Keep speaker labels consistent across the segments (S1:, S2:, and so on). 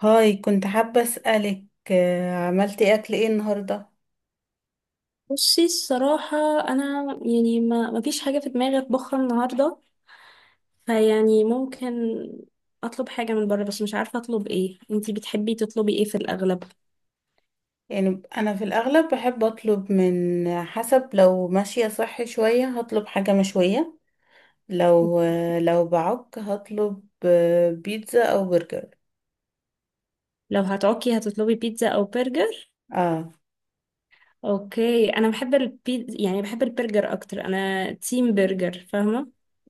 S1: هاي كنت حابة أسألك عملتي أكل إيه النهاردة؟
S2: بصي، الصراحة أنا يعني ما فيش حاجة في دماغي أطبخها النهاردة. فيعني ممكن أطلب حاجة من بره، بس مش عارفة أطلب إيه. أنتي بتحبي تطلبي إيه في الأغلب؟
S1: يعني أنا في الأغلب بحب أطلب من حسب، لو ماشية صحي شوية هطلب حاجة مشوية، لو بعك هطلب بيتزا أو برجر.
S2: لو هتعكي هتطلبي بيتزا أو برجر؟
S1: اه
S2: أوكي، أنا بحب البيتزا، يعني بحب البرجر أكتر، أنا تيم برجر، فاهمة؟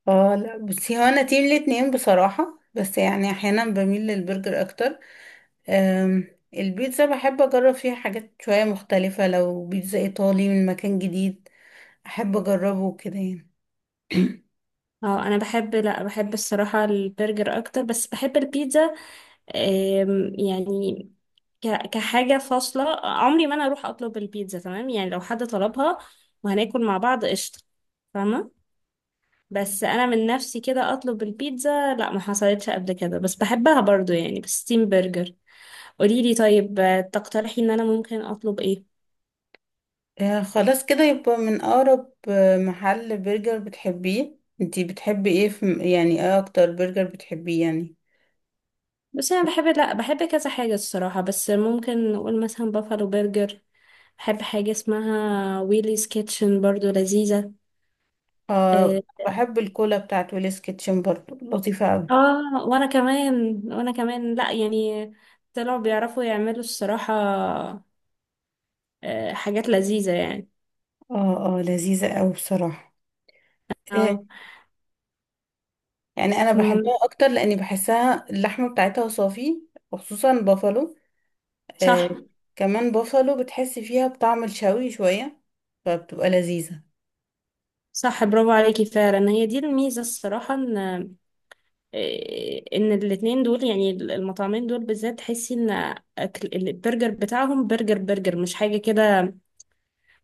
S1: اه لا، بس هو أنا تيم الاتنين بصراحة، بس يعني أحيانا بميل للبرجر أكتر. آم، البيتزا بحب أجرب فيها حاجات شوية مختلفة، لو بيتزا إيطالي من مكان جديد أحب أجربه كده يعني.
S2: اه، انا بحب لا بحب الصراحة البرجر اكتر، بس بحب البيتزا. يعني كحاجة فاصلة عمري ما أنا أروح أطلب البيتزا، تمام، يعني لو حد طلبها وهناكل مع بعض قشطة، فاهمة. بس أنا من نفسي كده أطلب البيتزا، لا، ما حصلتش قبل كده، بس بحبها برضو، يعني بالستيم برجر. قوليلي طيب، تقترحي إن أنا ممكن أطلب إيه؟
S1: خلاص كده يبقى من أقرب محل برجر بتحبيه. انتي بتحبي ايه في؟ يعني ايه أكتر برجر بتحبيه يعني؟
S2: بس أنا بحب لا بحب كذا حاجة الصراحة، بس ممكن نقول مثلا بافالو برجر. بحب حاجة اسمها ويليز كيتشن، برضو لذيذة.
S1: اه،
S2: آه،
S1: بحب الكولا بتاعت ويلز كيتشن برضو لطيفة أوي.
S2: اه، وانا كمان لا يعني طلعوا بيعرفوا يعملوا الصراحة، حاجات لذيذة يعني.
S1: اه اه لذيذة أوي بصراحة. آه،
S2: اه.
S1: يعني أنا
S2: مم،
S1: بحبها أكتر لأني بحسها اللحمة بتاعتها صافي، وخصوصا بافالو. آه،
S2: صح.
S1: كمان بافالو بتحسي فيها بطعم الشوي شوية، فبتبقى لذيذة.
S2: صح، برافو عليكي فعلا. هي دي الميزة الصراحة، ان الاتنين دول، يعني المطعمين دول بالذات، تحسي ان أكل البرجر بتاعهم برجر برجر، مش حاجة كده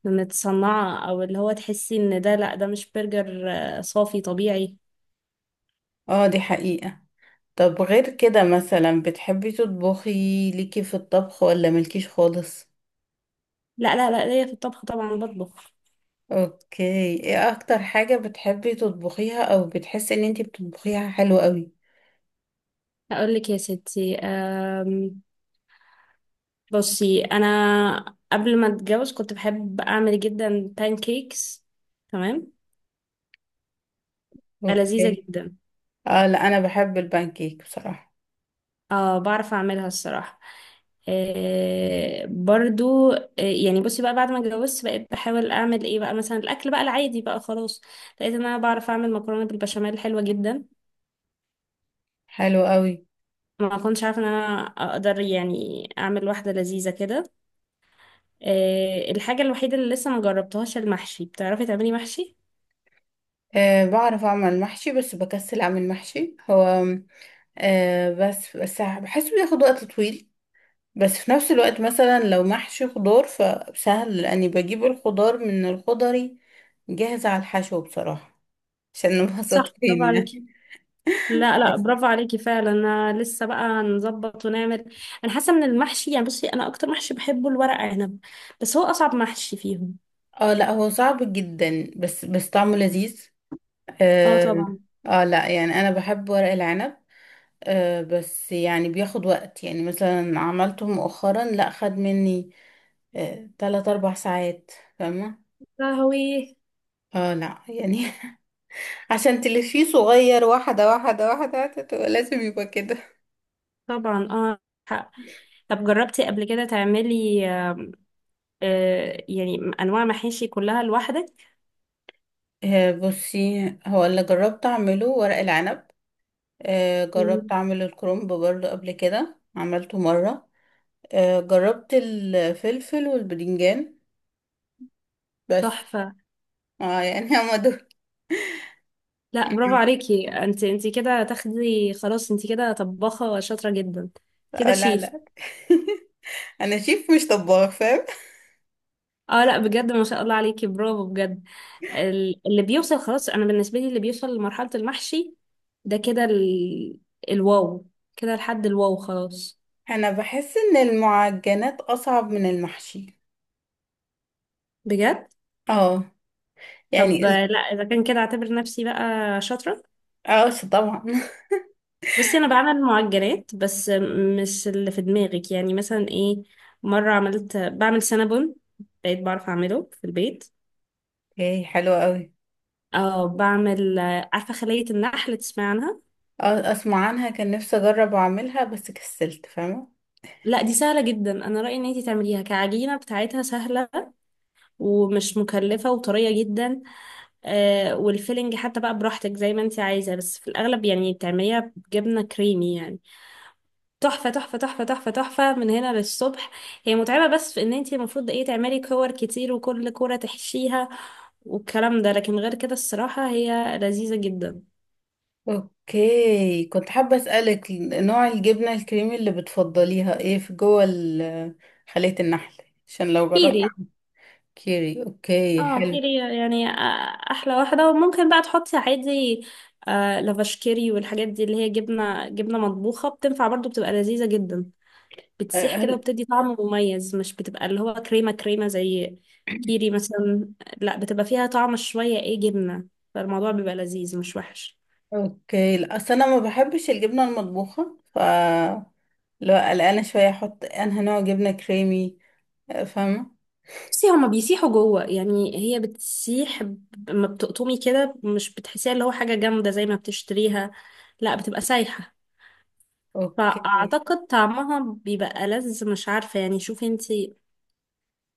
S2: متصنعة، او اللي هو تحسي ان ده، لا ده مش برجر، صافي طبيعي.
S1: اه دي حقيقة. طب غير كده مثلا بتحبي تطبخي؟ ليكي في الطبخ ولا ملكيش خالص؟
S2: لا لا لا، ليا في الطبخ طبعا، بطبخ.
S1: اوكي. ايه اكتر حاجة بتحبي تطبخيها او بتحسي ان انتي بتطبخيها حلو قوي؟
S2: اقول لك يا ستي، بصي انا قبل ما اتجوز كنت بحب اعمل جدا كيكس، تمام، لذيذه
S1: اوكي.
S2: جدا.
S1: اه لا، انا بحب البانكيك بصراحة.
S2: اه بعرف اعملها الصراحه، برضو يعني. بصي بقى، بعد ما اتجوزت بقيت بحاول اعمل ايه بقى، مثلا الاكل بقى العادي بقى خلاص، لقيت ان انا بعرف اعمل مكرونه بالبشاميل حلوه جدا.
S1: حلو قوي.
S2: ما كنتش عارفه ان انا اقدر يعني اعمل واحده لذيذه كده. الحاجه الوحيده اللي لسه ما جربتهاش المحشي، بتعرفي تعملي محشي؟
S1: أه، بعرف اعمل محشي بس بكسل اعمل محشي. هو بس بحسه بياخد وقت طويل، بس في نفس الوقت مثلا لو محشي خضار فسهل لاني بجيب الخضار من الخضري جاهز على الحشو بصراحة، عشان نبقى
S2: صح، برافو
S1: صادقين
S2: عليكي.
S1: يعني.
S2: لا لا، برافو عليكي فعلا، انا لسه بقى نظبط ونعمل. انا حاسه ان المحشي، يعني بصي انا اكتر محشي بحبه الورق عنب، بس هو اصعب محشي فيهم.
S1: اه لا، هو صعب جدا بس طعمه لذيذ.
S2: اه
S1: اه،
S2: طبعا.
S1: لا يعني انا بحب ورق العنب. بس يعني بياخد وقت، يعني مثلا عملته مؤخرا لا، خد مني تلات اربع ساعات. فاهمة؟
S2: قهوي.
S1: اه لا يعني، عشان تلفيه صغير، واحدة واحدة واحدة تبقى لازم يبقى كده.
S2: طبعا اه. حق. طب جربتي قبل كده تعملي يعني انواع محاشي كلها لوحدك؟
S1: بصي هو اللي جربت اعمله ورق العنب. جربت
S2: مم.
S1: اعمل الكرنب برضه، قبل كده عملته مرة. جربت الفلفل والبدنجان بس.
S2: تحفه.
S1: اه يعني هما دول.
S2: لا، برافو عليكي، انت كده تاخدي خلاص، انت كده طباخه شاطره جدا. كده
S1: آه لا
S2: شيف.
S1: لا. انا شيف مش طباخ، فاهم.
S2: اه لا بجد، ما شاء الله عليكي، برافو بجد. اللي بيوصل خلاص، انا بالنسبه لي اللي بيوصل لمرحله المحشي ده كده الواو، كده لحد الواو خلاص.
S1: انا بحس ان المعجنات اصعب من المحشي.
S2: بجد.
S1: اه. يعني.
S2: طب لا اذا كان كده اعتبر نفسي بقى شاطره.
S1: اه طبعا
S2: بس انا بعمل معجنات، بس مش اللي في دماغك، يعني مثلا ايه، مره بعمل سنابون، بقيت بعرف اعمله في البيت.
S1: اوكي حلوة قوي.
S2: اه بعمل، عارفه خليه النحل، تسمعي عنها.
S1: اه اسمع عنها، كان نفسي اجرب اعملها بس كسلت فاهمة.
S2: لا دي سهله جدا، انا رايي ان انتي تعمليها، كعجينه بتاعتها سهله ومش مكلفة وطرية جدا. والفيلنج حتى بقى براحتك زي ما انت عايزة، بس في الأغلب يعني بتعمليها بجبنة كريمي يعني. تحفة تحفة تحفة تحفة تحفة من هنا للصبح. هي متعبة بس في ان انت المفروض ايه تعملي كور كتير، وكل كورة تحشيها والكلام ده، لكن غير كده الصراحة هي لذيذة جدا.
S1: اوكي كنت حابة اسألك، نوع الجبنة الكريمي اللي بتفضليها ايه في جوه خلية النحل؟ عشان لو جربت.
S2: كيري.
S1: كيري. اوكي
S2: اه،
S1: حلو.
S2: كيري يعني، احلى واحدة. وممكن بقى تحطي عادي لافاش، كيري والحاجات دي اللي هي جبنة، مطبوخة، بتنفع برضو، بتبقى لذيذة جدا. بتسيح كده
S1: هل
S2: وبتدي طعم مميز، مش بتبقى اللي هو كريمة كريمة زي كيري مثلا، لا بتبقى فيها طعم شوية، ايه، جبنة، فالموضوع بيبقى لذيذ مش وحش.
S1: اوكي، لا اصل انا ما بحبش الجبنه المطبوخه، ف لا قلقانه شويه احط انها نوع جبنه كريمي. فاهمه.
S2: بصي هما بيسيحوا جوه، يعني هي بتسيح لما بتقطمي كده مش بتحسيها اللي هو حاجة جامدة زي ما بتشتريها، لا بتبقى سايحة.
S1: اوكي
S2: فأعتقد طعمها بيبقى ألذ، مش عارفة يعني، شوفي انتي،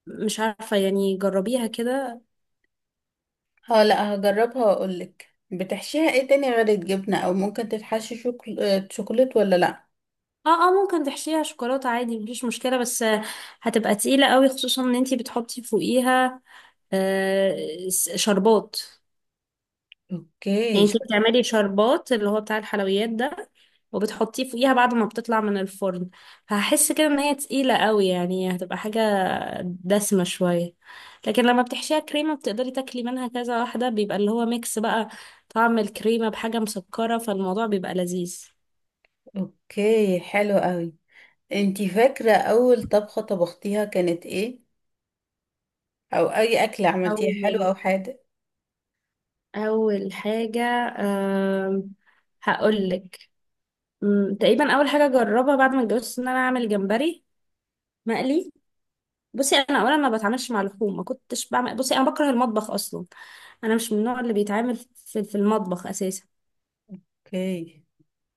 S2: مش عارفة يعني، جربيها كده.
S1: اه، لا هجربها واقول لك. بتحشيها ايه تاني غير الجبنه؟ او ممكن تتحشي شوكل... آه، شوكولات ولا لا؟
S2: اه اه، ممكن تحشيها شوكولاتة عادي، مفيش مشكلة، بس هتبقى تقيلة قوي، خصوصا ان انتي بتحطي فوقيها شربات.
S1: اوكي
S2: يعني انتي بتعملي شربات اللي هو بتاع الحلويات ده، وبتحطيه فوقيها بعد ما بتطلع من الفرن، فهحس كده ان هي تقيلة قوي، يعني هتبقى حاجة دسمة شوية. لكن لما بتحشيها كريمة بتقدري تاكلي منها كذا واحدة، بيبقى اللي هو ميكس بقى طعم الكريمة بحاجة مسكرة، فالموضوع بيبقى لذيذ.
S1: اوكي حلو قوي. انتي فاكره اول طبخه طبختيها كانت ايه؟ او اي اكله
S2: أول
S1: عملتيها حلو او حادق؟
S2: اول حاجه، أم... هقول لك. تقريبا اول حاجه جربها بعد ما اتجوزت ان انا اعمل جمبري مقلي. بصي انا اولا ما بتعاملش مع اللحوم، ما كنتش بعمل. بصي انا بكره المطبخ اصلا، انا مش من النوع اللي بيتعامل في المطبخ اساسا.
S1: اوكي.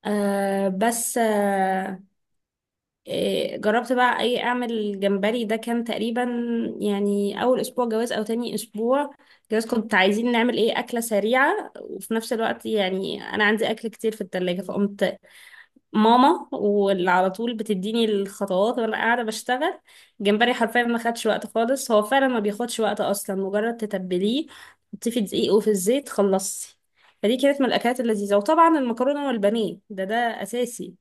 S2: أه بس أه إيه، جربت بقى اي اعمل جمبري. ده كان تقريبا يعني اول اسبوع جواز او تاني اسبوع جواز. كنت عايزين نعمل ايه اكله سريعه، وفي نفس الوقت يعني انا عندي اكل كتير في التلاجة، فقمت ماما واللي على طول بتديني الخطوات، وانا قاعده بشتغل. جمبري حرفيا ما خدش وقت خالص، هو فعلا ما بياخدش وقت اصلا، مجرد تتبليه تحطيه في دقيق وفي الزيت، خلصتي. فدي كانت من الاكلات اللذيذه، وطبعا المكرونه والبانيه ده اساسي.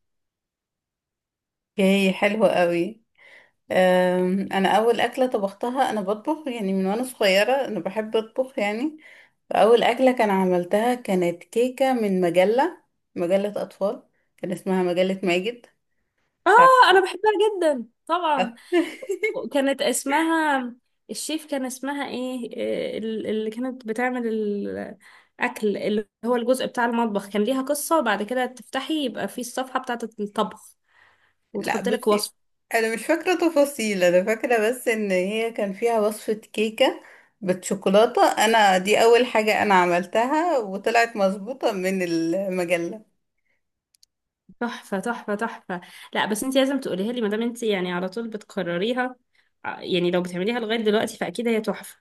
S1: اوكي حلو قوي. انا اول اكله طبختها، انا بطبخ يعني من وانا صغيره، انا بحب اطبخ يعني. فاول اكله كان عملتها كانت كيكه من مجله، مجله اطفال، كان اسمها مجله ماجد. مش عارفه.
S2: اه انا بحبها جدا طبعا. كانت اسمها الشيف، كان اسمها ايه؟ اللي كانت بتعمل الاكل، اللي هو الجزء بتاع المطبخ، كان ليها قصه، وبعد كده تفتحي يبقى في الصفحه بتاعه الطبخ
S1: لا
S2: وتحط لك
S1: بصي،
S2: وصفة.
S1: انا مش فاكره تفاصيل، انا فاكره بس ان هي كان فيها وصفه كيكه بالشوكولاته، انا دي اول حاجه انا عملتها وطلعت مظبوطه من المجله.
S2: تحفة تحفة تحفة. لا بس انت لازم تقوليها لي ما دام انت يعني على طول بتكرريها، يعني لو بتعمليها لغاية دلوقتي فأكيد هي تحفة.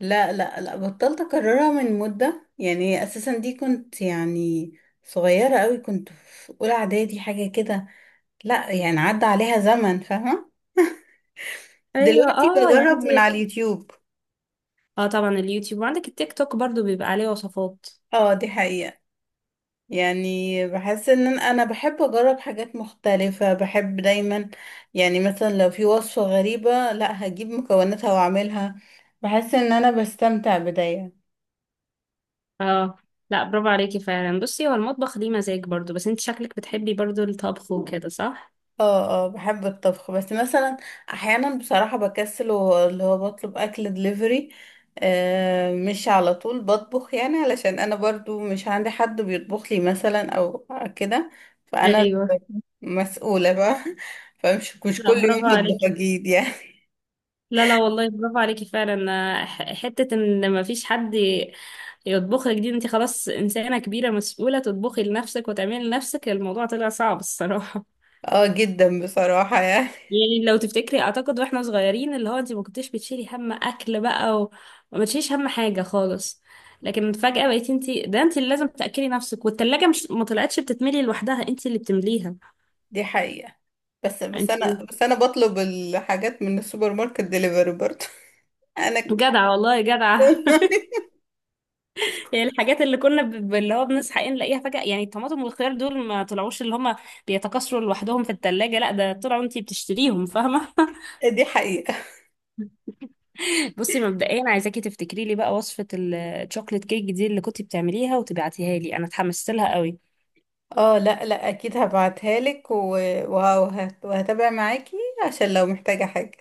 S1: لا لا لا، بطلت اكررها من مدة يعني، اساسا دي كنت يعني صغيرة قوي، كنت في اولى اعدادي حاجة كده. لا يعني عدى عليها زمن، فاهمة
S2: ايوه،
S1: دلوقتي
S2: اه، يعني
S1: بجرب
S2: انت.
S1: من على اليوتيوب.
S2: اه طبعا، اليوتيوب، وعندك التيك توك برضو بيبقى عليه وصفات.
S1: اه دي حقيقة. يعني بحس ان أنا بحب اجرب حاجات مختلفة، بحب دايما، يعني مثلا لو في وصفة غريبة لا هجيب مكوناتها واعملها. بحس ان انا بستمتع بداية.
S2: اه لا، برافو عليكي فعلا، بصي هو المطبخ ليه مزاج برضو، بس انت شكلك بتحبي برضو الطبخ وكده، صح؟
S1: اه اه، بحب الطبخ بس مثلا احيانا بصراحة بكسل واللي هو بطلب اكل دليفري. مش على طول بطبخ يعني، علشان انا برضو مش عندي حد بيطبخ لي مثلا او كده. فانا
S2: ايوه.
S1: اللي مسؤولة بقى فمش مش
S2: لا
S1: كل
S2: برافو
S1: يوم بطبخ
S2: عليكي.
S1: اكيد يعني.
S2: لا لا والله، برافو عليكي فعلا، حتة ان ما فيش حد يطبخ لك، دي انت خلاص انسانة كبيرة مسؤولة تطبخي لنفسك وتعملي لنفسك، الموضوع طلع صعب الصراحة.
S1: اه جدا بصراحة يعني.
S2: يعني لو تفتكري، اعتقد واحنا صغيرين اللي هو انت ما كنتيش بتشيلي هم اكل بقى وما تشيليش هم حاجة خالص، لكن فجأة بقيتي انت، ده انت اللي لازم تأكلي نفسك، والتلاجة مش، ما طلعتش بتتملي لوحدها، انت اللي بتمليها.
S1: دي حقيقة، بس بس
S2: انت
S1: انا بس انا بطلب الحاجات من السوبر ماركت دليفري برضو. انا
S2: جدعة والله، جدعة. الحاجات اللي كنا اللي هو بنصحى ايه نلاقيها فجأة، يعني الطماطم والخيار دول ما طلعوش اللي هما بيتكاثروا لوحدهم في التلاجة، لا ده طلعوا انتي بتشتريهم، فاهمة.
S1: دي حقيقة.
S2: بصي مبدئيا، عايزاكي تفتكري لي بقى وصفة الشوكليت كيك دي اللي كنتي بتعمليها وتبعتيها لي، انا اتحمست لها قوي.
S1: اه لا لا اكيد هبعتها لك وهتابع معاكي، عشان لو محتاجة حاجة.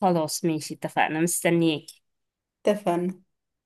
S2: خلاص ماشي، اتفقنا، مستنياكي.
S1: اتفقنا.